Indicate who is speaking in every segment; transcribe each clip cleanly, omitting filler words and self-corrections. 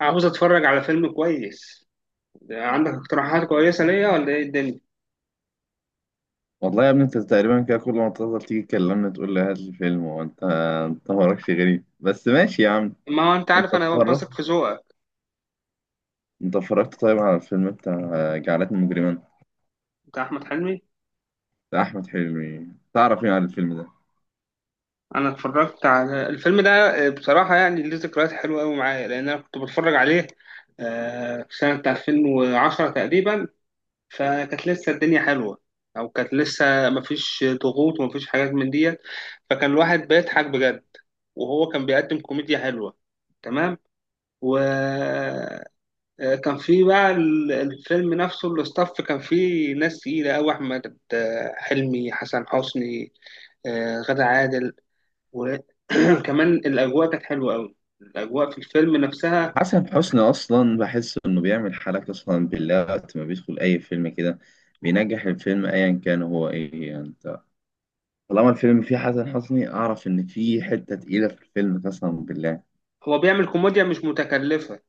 Speaker 1: عاوز اتفرج على فيلم كويس. عندك اقتراحات كويسة ليا ولا ايه الدنيا؟
Speaker 2: والله يا ابني، انت تقريبا كده كل ما تفضل تيجي تكلمني تقول لي هات لي فيلم. وانت مالكش غريب، بس ماشي يا عم.
Speaker 1: ما هو انت
Speaker 2: انت
Speaker 1: عارف انا
Speaker 2: اتفرج
Speaker 1: بثق في ذوقك.
Speaker 2: انت اتفرجت طيب على الفيلم بتاع جعلتني مجرما،
Speaker 1: بتاع احمد حلمي.
Speaker 2: بتاع احمد حلمي؟ تعرف ايه عن الفيلم ده؟
Speaker 1: انا اتفرجت على الفيلم ده. بصراحة يعني ليه ذكريات حلوة قوي معايا لان انا كنت بتفرج عليه في سنة 2010 تقريبا. فكانت لسه الدنيا حلوة او كانت لسه مفيش ضغوط ومفيش حاجات من ديت. فكان الواحد بيضحك بجد وهو كان بيقدم كوميديا حلوة. تمام. و كان في بقى الفيلم نفسه الاستاف كان فيه ناس تقيلة أوي أحمد حلمي، حسن حسني، غادة عادل. وكمان الأجواء كانت حلوة أوي، الأجواء في الفيلم نفسها.
Speaker 2: حسن حسني اصلا بحس انه بيعمل حالة، قسما بالله، وقت ما بيدخل اي فيلم كده بينجح الفيلم، ايا كان هو ايه يعني. انت طالما الفيلم فيه حسن حسني اعرف ان فيه حتة تقيلة في الفيلم قسما بالله.
Speaker 1: هو بيعمل كوميديا مش متكلفة.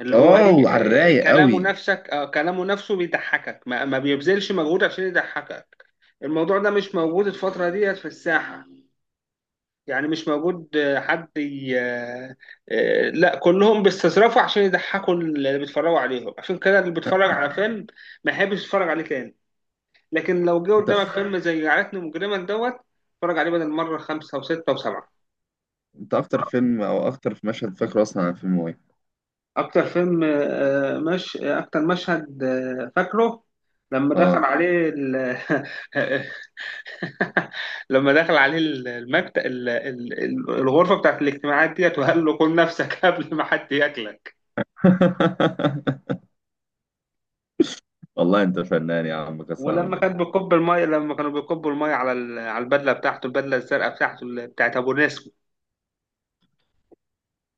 Speaker 1: اللي هو
Speaker 2: اه،
Speaker 1: إيه،
Speaker 2: وعلى الرايق
Speaker 1: كلامه
Speaker 2: قوي.
Speaker 1: نفسك، كلامه نفسه بيضحكك، ما بيبذلش مجهود عشان يضحكك. الموضوع ده مش موجود الفترة ديت في الساحة. يعني مش موجود. حد ي... آه، لا كلهم بيستظرفوا عشان يضحكوا اللي بيتفرجوا عليهم، عشان كده اللي بيتفرج على فيلم ما يحبش يتفرج عليه تاني. لكن لو جه
Speaker 2: انت
Speaker 1: قدامك فيلم زي عائلتنا مجرما دوت، اتفرج عليه بدل مرة خمسة وستة وسبعة.
Speaker 2: انت اكتر فيلم او اكتر في مشهد فاكره اصلا عن فيلم ايه؟
Speaker 1: أكتر فيلم مش أكتر مشهد فاكره، لما دخل
Speaker 2: اه.
Speaker 1: عليه لما دخل عليه المكتب، الغرفة بتاعت الاجتماعات ديت، وقال له كل نفسك قبل ما حد ياكلك.
Speaker 2: والله انت فنان يا عم قسما
Speaker 1: ولما كان
Speaker 2: بالله.
Speaker 1: بيكب المية، لما كانوا بيكبوا المية على على البدلة بتاعته، البدلة الزرقاء بتاعته، بتاعت أبو نسمة.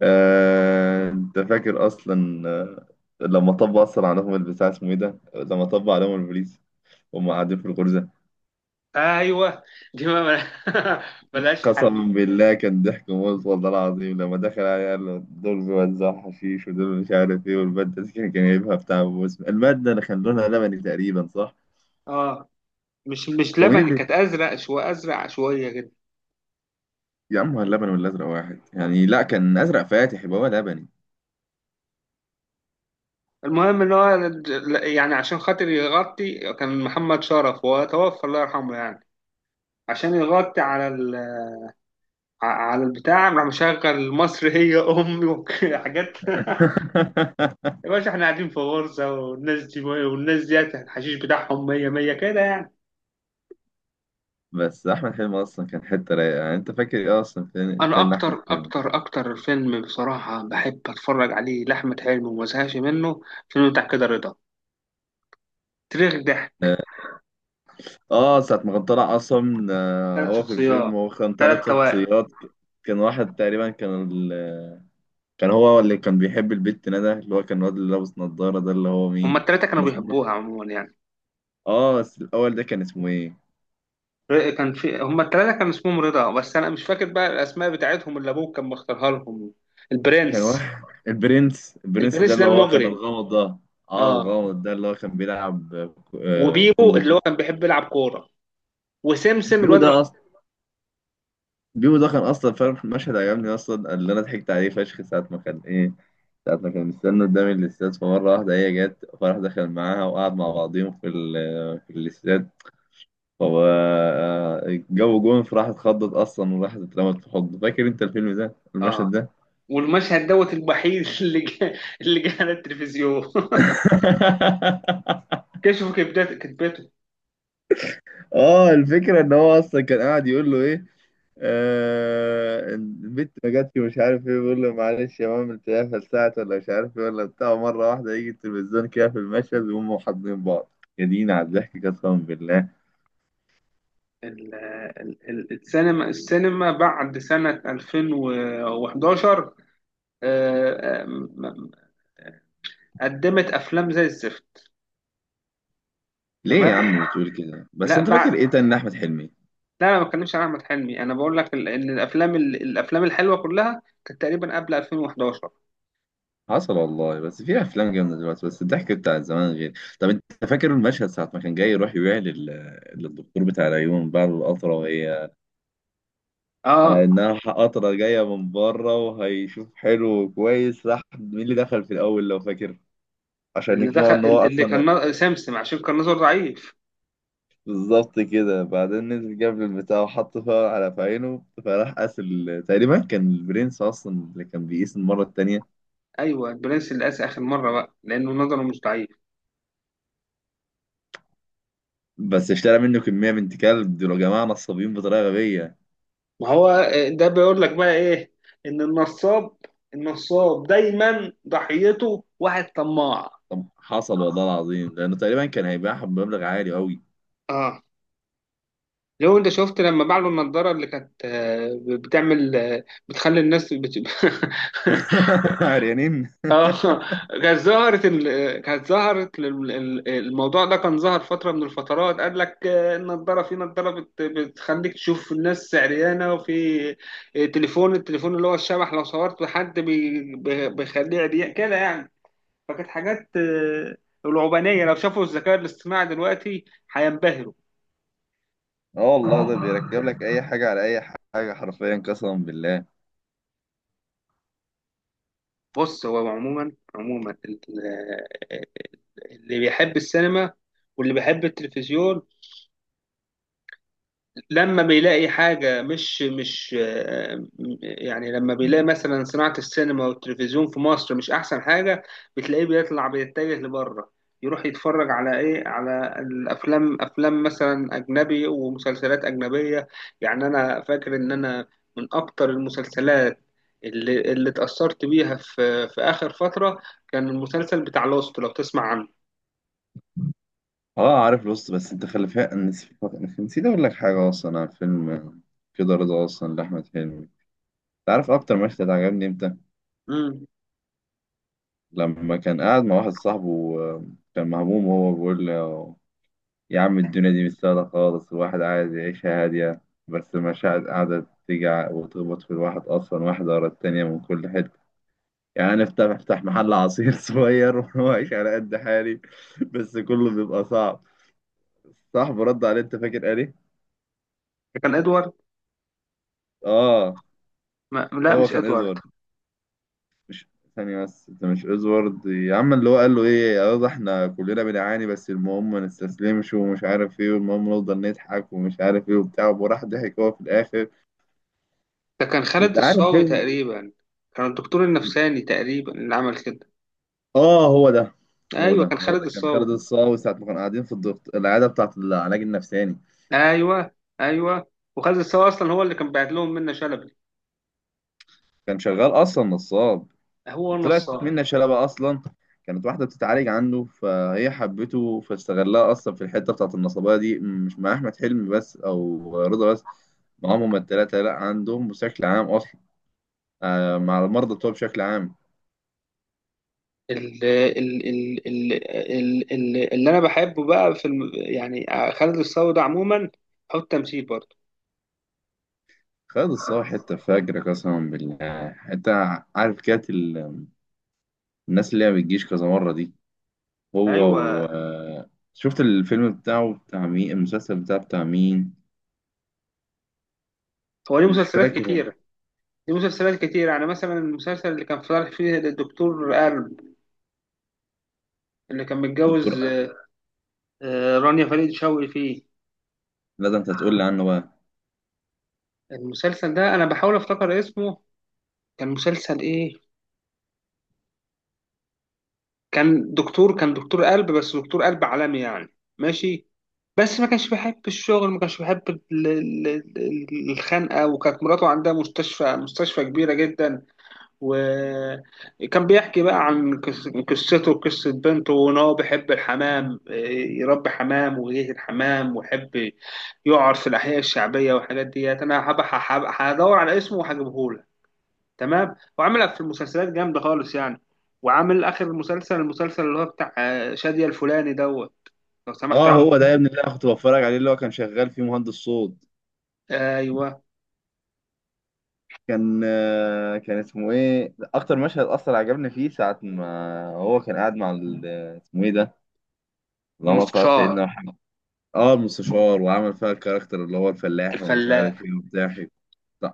Speaker 2: انت فاكر اصلا؟ لما طبق اصلا عليهم البتاع اسمه ايه ده، لما طبق عليهم البوليس وهم قاعدين في الغرزه،
Speaker 1: أيوه، دي ما ملهاش حل.
Speaker 2: قسما بالله كان ضحك موت والله العظيم. لما دخل عليه قال له دول بيوزعوا حشيش ودول مش عارف ايه، والماده دي كان جايبها بتاع بوس. الماده اللي كان لونها لبني تقريبا، صح؟
Speaker 1: اه، مش
Speaker 2: هو مين
Speaker 1: لبني،
Speaker 2: اللي...
Speaker 1: كانت أزرق شوية، أزرق شوية كده.
Speaker 2: يا عم هو اللبن والازرق واحد يعني؟ لا كان ازرق فاتح، يبقى هو لبني.
Speaker 1: المهم إن هو يعني عشان خاطر يغطي، كان محمد شرف وهو توفى الله يرحمه يعني، عشان يغطي على على البتاع، راح مشغل مصر هي أمي وحاجات يا باشا احنا قاعدين في غرزة، والناس دي والناس ديت الحشيش بتاعهم مية مية كده يعني.
Speaker 2: بس احمد حلمي اصلا كان حته رايقه. يعني انت فاكر ايه اصلا فين
Speaker 1: انا
Speaker 2: تاني لاحمد
Speaker 1: اكتر
Speaker 2: حلمي؟
Speaker 1: اكتر اكتر فيلم بصراحه بحب اتفرج عليه لاحمد حلمي وما زهقش منه، فيلم بتاع كده رضا، تاريخ ضحك.
Speaker 2: اه. ساعه ما كان طلع اصلا،
Speaker 1: ثلاث
Speaker 2: هو في
Speaker 1: شخصيات،
Speaker 2: الفيلم هو كان
Speaker 1: ثلاث
Speaker 2: ثلاث
Speaker 1: توائم.
Speaker 2: شخصيات. كان واحد تقريبا كان كان هو اللي كان بيحب البت ندى، اللي هو كان الواد اللي لابس نظاره ده، اللي هو
Speaker 1: هما
Speaker 2: مين
Speaker 1: الثلاثه كانوا
Speaker 2: كان اسمه؟
Speaker 1: بيحبوها عموما يعني.
Speaker 2: اه بس الاول ده كان اسمه ايه؟
Speaker 1: كان في هما الثلاثه كان اسمهم رضا، بس انا مش فاكر بقى الاسماء بتاعتهم اللي ابوه كان مختارها لهم.
Speaker 2: كان
Speaker 1: البرنس،
Speaker 2: واحد، البرنس. البرنس ده
Speaker 1: البرنس ده
Speaker 2: اللي هو كان
Speaker 1: المجرم.
Speaker 2: الغامض ده. اه
Speaker 1: اه.
Speaker 2: الغامض ده اللي هو كان بيلعب
Speaker 1: وبيبو
Speaker 2: كونج
Speaker 1: اللي
Speaker 2: فو.
Speaker 1: هو كان بيحب يلعب كوره، وسمسم
Speaker 2: بيو
Speaker 1: الواد
Speaker 2: ده بيبو ده كان اصلا فاهم. المشهد عجبني اصلا اللي انا ضحكت عليه فشخ ساعه ما كان ايه، ساعه ما كان مستني قدام الاستاد، فمره واحده هي جت، فراح دخل معاها وقعد مع بعضيهم في الاستاد، فهو جو جون، فراح اتخضت اصلا وراحت اترمت في حضنه. فاكر انت الفيلم ده
Speaker 1: اه.
Speaker 2: المشهد ده؟
Speaker 1: والمشهد دوت الوحيد اللي جه، اللي جه على التلفزيون كشفوا كبدات كتبته.
Speaker 2: اه. الفكرة ان هو اصلا كان قاعد يقول له ايه، آه البت ما جاتش ومش عارف ايه، بيقول له معلش يا ماما تلاقيها فلسعت ولا مش عارف ايه ولا بتاع، مرة واحدة يجي التلفزيون كده في المشهد وهم حاضنين بعض. يا دينا على الضحك قسما بالله.
Speaker 1: ال- السينما، السينما بعد سنة 2011، آه، آه، م- قدمت أفلام زي الزفت.
Speaker 2: ليه يا
Speaker 1: تمام.
Speaker 2: عم بتقول كده؟ بس
Speaker 1: لا
Speaker 2: انت
Speaker 1: بعد،
Speaker 2: فاكر ايه تاني احمد حلمي؟
Speaker 1: لا أنا ما بتكلمش عن أحمد حلمي، أنا بقول لك إن الأفلام الأفلام الحلوة كلها كانت تقريبا قبل 2011.
Speaker 2: حصل والله، بس في افلام جامده دلوقتي، بس الضحك بتاع زمان غير. طب انت فاكر المشهد ساعه ما كان جاي يروح يبيع للدكتور بتاع العيون بعد القطره، وهي على
Speaker 1: أه.
Speaker 2: انها قطره جايه من بره وهيشوف حلو وكويس؟ راح مين اللي دخل في الاول لو فاكر عشان
Speaker 1: اللي
Speaker 2: يقنعه
Speaker 1: دخل
Speaker 2: ان هو
Speaker 1: اللي كان
Speaker 2: اصلا؟
Speaker 1: سمسم، عشان كان نظره ضعيف.
Speaker 2: بالظبط كده. بعدين نزل جاب البتاع وحط فيها على في عينه، فراح قاس تقريبا كان البرنس اصلا اللي كان بيقيس المره التانيه.
Speaker 1: أيوه، البرنس اللي قاس آخر مرة بقى لأنه نظره مش ضعيف.
Speaker 2: بس اشترى منه كميه، بنت كلب دول يا جماعه نصابين بطريقه غبيه.
Speaker 1: ما هو ده بيقول لك بقى ايه، ان النصاب، النصاب دايما ضحيته واحد طماع.
Speaker 2: طب حصل والله العظيم، لانه تقريبا كان هيبيعها بمبلغ عالي قوي.
Speaker 1: اه. لو انت شفت لما باع له النضاره اللي كانت بتعمل بتخلي الناس
Speaker 2: عريانين.
Speaker 1: اه، كانت ظهرت كانت ظهرت الموضوع ده كان ظهر فتره من الفترات، قال لك النضاره، في نضاره بتخليك تشوف الناس عريانه، وفي تليفون، التليفون اللي هو الشبح، لو صورت حد بيخليه عريان كده يعني. فكانت حاجات العبانية. لو شافوا الذكاء الاصطناعي دلوقتي هينبهروا.
Speaker 2: اه والله ده بيركب لك اي حاجه على اي حاجه حرفيا قسما بالله.
Speaker 1: بص، هو عموما، عموما آه، آه، اللي بيحب السينما واللي بيحب التلفزيون لما بيلاقي حاجة مش يعني لما بيلاقي مثلا صناعة السينما والتلفزيون في مصر مش أحسن حاجة، بتلاقيه بيطلع، بيتجه لبره، يروح يتفرج على إيه، على الأفلام، أفلام مثلا أجنبي ومسلسلات أجنبية. يعني أنا فاكر إن أنا من أكتر المسلسلات اللي اتأثرت بيها في في آخر فترة، كان المسلسل بتاع لوست، لو تسمع عنه.
Speaker 2: اه عارف لوست، بس انت خلي فيها. نسيت اقول لك حاجه اصلا عن فيلم كده رضا اصلا لاحمد حلمي. انت عارف اكتر مشهد عجبني امتى؟
Speaker 1: امم
Speaker 2: لما كان قاعد مع واحد صاحبه، كان مهموم وهو بيقول له يا عم الدنيا دي مش سهله خالص، الواحد عايز يعيشها هاديه، بس المشاعر قاعده تيجي وتخبط في الواحد اصلا، واحده ورا التانيه من كل حته. يعني انا افتح محل عصير صغير واعيش على قد حالي، بس كله بيبقى صعب. صاحبه رد عليه، انت فاكر قال ايه؟
Speaker 1: كان إدوارد.
Speaker 2: اه
Speaker 1: ما لا،
Speaker 2: هو
Speaker 1: مش
Speaker 2: كان
Speaker 1: إدوارد.
Speaker 2: ادوارد. مش ثانية بس، انت مش ادوارد يا عم اللي هو قال له ايه، يلا احنا كلنا بنعاني بس المهم ما نستسلمش ومش عارف ايه، والمهم نفضل نضحك ومش عارف ايه وبتاع، وراح ضحك هو في الاخر.
Speaker 1: ده كان خالد
Speaker 2: انت عارف
Speaker 1: الصاوي
Speaker 2: ايه.
Speaker 1: تقريبا، كان الدكتور النفساني تقريبا اللي عمل كده.
Speaker 2: اه هو ده. هو
Speaker 1: ايوه
Speaker 2: ده
Speaker 1: كان
Speaker 2: هو
Speaker 1: خالد
Speaker 2: ده كان
Speaker 1: الصاوي.
Speaker 2: خالد الصاوي ساعة ما كانوا قاعدين في الدكتور، العيادة بتاعة العلاج النفساني.
Speaker 1: ايوه، ايوه. وخالد الصاوي اصلا هو اللي كان بعت لهم منة شلبي.
Speaker 2: كان شغال اصلا نصاب.
Speaker 1: هو
Speaker 2: طلعت
Speaker 1: نصاب.
Speaker 2: منه شلبة أصلا. كانت واحدة بتتعالج عنده فهي حبته، فاستغلها أصلا في الحتة بتاعة النصابية دي، مش مع أحمد حلمي بس أو رضا بس، معاهم هما التلاتة، لأ عندهم بشكل عام أصلا، آه مع المرضى بتوع بشكل عام.
Speaker 1: ال- ال- ال- ال- اللي انا بحبه بقى في يعني خالد الصاوي ده عموما هو التمثيل برضه.
Speaker 2: خالد الصاوي حتة فجر قسما بالله. حتة، عارف، كانت الناس اللي هي ما بتجيش كذا مرة دي. هو و
Speaker 1: ايوه.
Speaker 2: شفت الفيلم بتاعه بتاع مين، المسلسل بتاعه بتاع مين؟
Speaker 1: هو ليه
Speaker 2: مش
Speaker 1: مسلسلات
Speaker 2: فاكر.
Speaker 1: كتيره، ليه مسلسلات كتيره. يعني مثلا المسلسل اللي كان طالع فيه الدكتور قلب، اللي كان
Speaker 2: دكتور.
Speaker 1: متجوز رانيا فريد شوقي فيه.
Speaker 2: لا ده انت هتقول لي عنه بقى.
Speaker 1: المسلسل ده انا بحاول افتكر اسمه، كان مسلسل ايه؟ كان دكتور، كان دكتور قلب، بس دكتور قلب عالمي يعني. ماشي. بس ما كانش بيحب الشغل، ما كانش بيحب ال- الخنقه. وكانت مراته عندها مستشفى، مستشفى كبيره جدا. وكان بيحكي بقى عن قصته وقصه بنته، وان هو بيحب الحمام إيه، يربي حمام ويجيه الحمام، ويحب يقعد في الاحياء الشعبيه والحاجات ديت. انا هدور على اسمه وهجيبهولك. تمام. وعمل في المسلسلات جامده خالص يعني. وعامل اخر مسلسل، المسلسل اللي هو بتاع شادية الفلاني دوت، لو سمحت
Speaker 2: اه هو ده
Speaker 1: عنه.
Speaker 2: يا ابن، اللي انا كنت بتفرج عليه اللي هو كان شغال فيه مهندس صوت.
Speaker 1: ايوه،
Speaker 2: كان اسمه ايه؟ اكتر مشهد اصلا عجبني فيه ساعه ما هو كان قاعد مع اسمه ايه ده؟ اللهم صل على
Speaker 1: المستشار،
Speaker 2: سيدنا محمد. اه المستشار، وعمل فيها الكاركتر اللي هو الفلاح ومش
Speaker 1: الفلاح.
Speaker 2: عارف ايه وبتاع،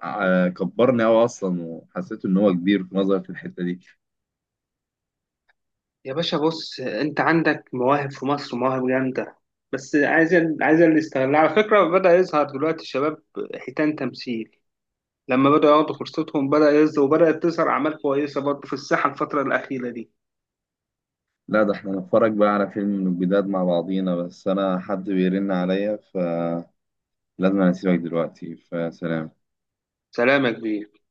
Speaker 2: كبرني قوي اصلا وحسيت ان هو كبير في نظري في الحته دي.
Speaker 1: يا باشا بص، انت عندك مواهب في مصر، مواهب جامده. بس عايز، عايز اللي يستغلها. على فكره بدا يظهر دلوقتي الشباب، حيتان تمثيل، لما بداوا ياخدوا فرصتهم بدا يظهر، وبدات تظهر اعمال كويسه برضه في الساحه الفتره الاخيره دي.
Speaker 2: لا ده احنا نتفرج بقى على فيلم من الجداد مع بعضينا، بس انا حد بيرن عليا فلازم. أنا اسيبك دلوقتي، فسلام.
Speaker 1: سلام يا كبير.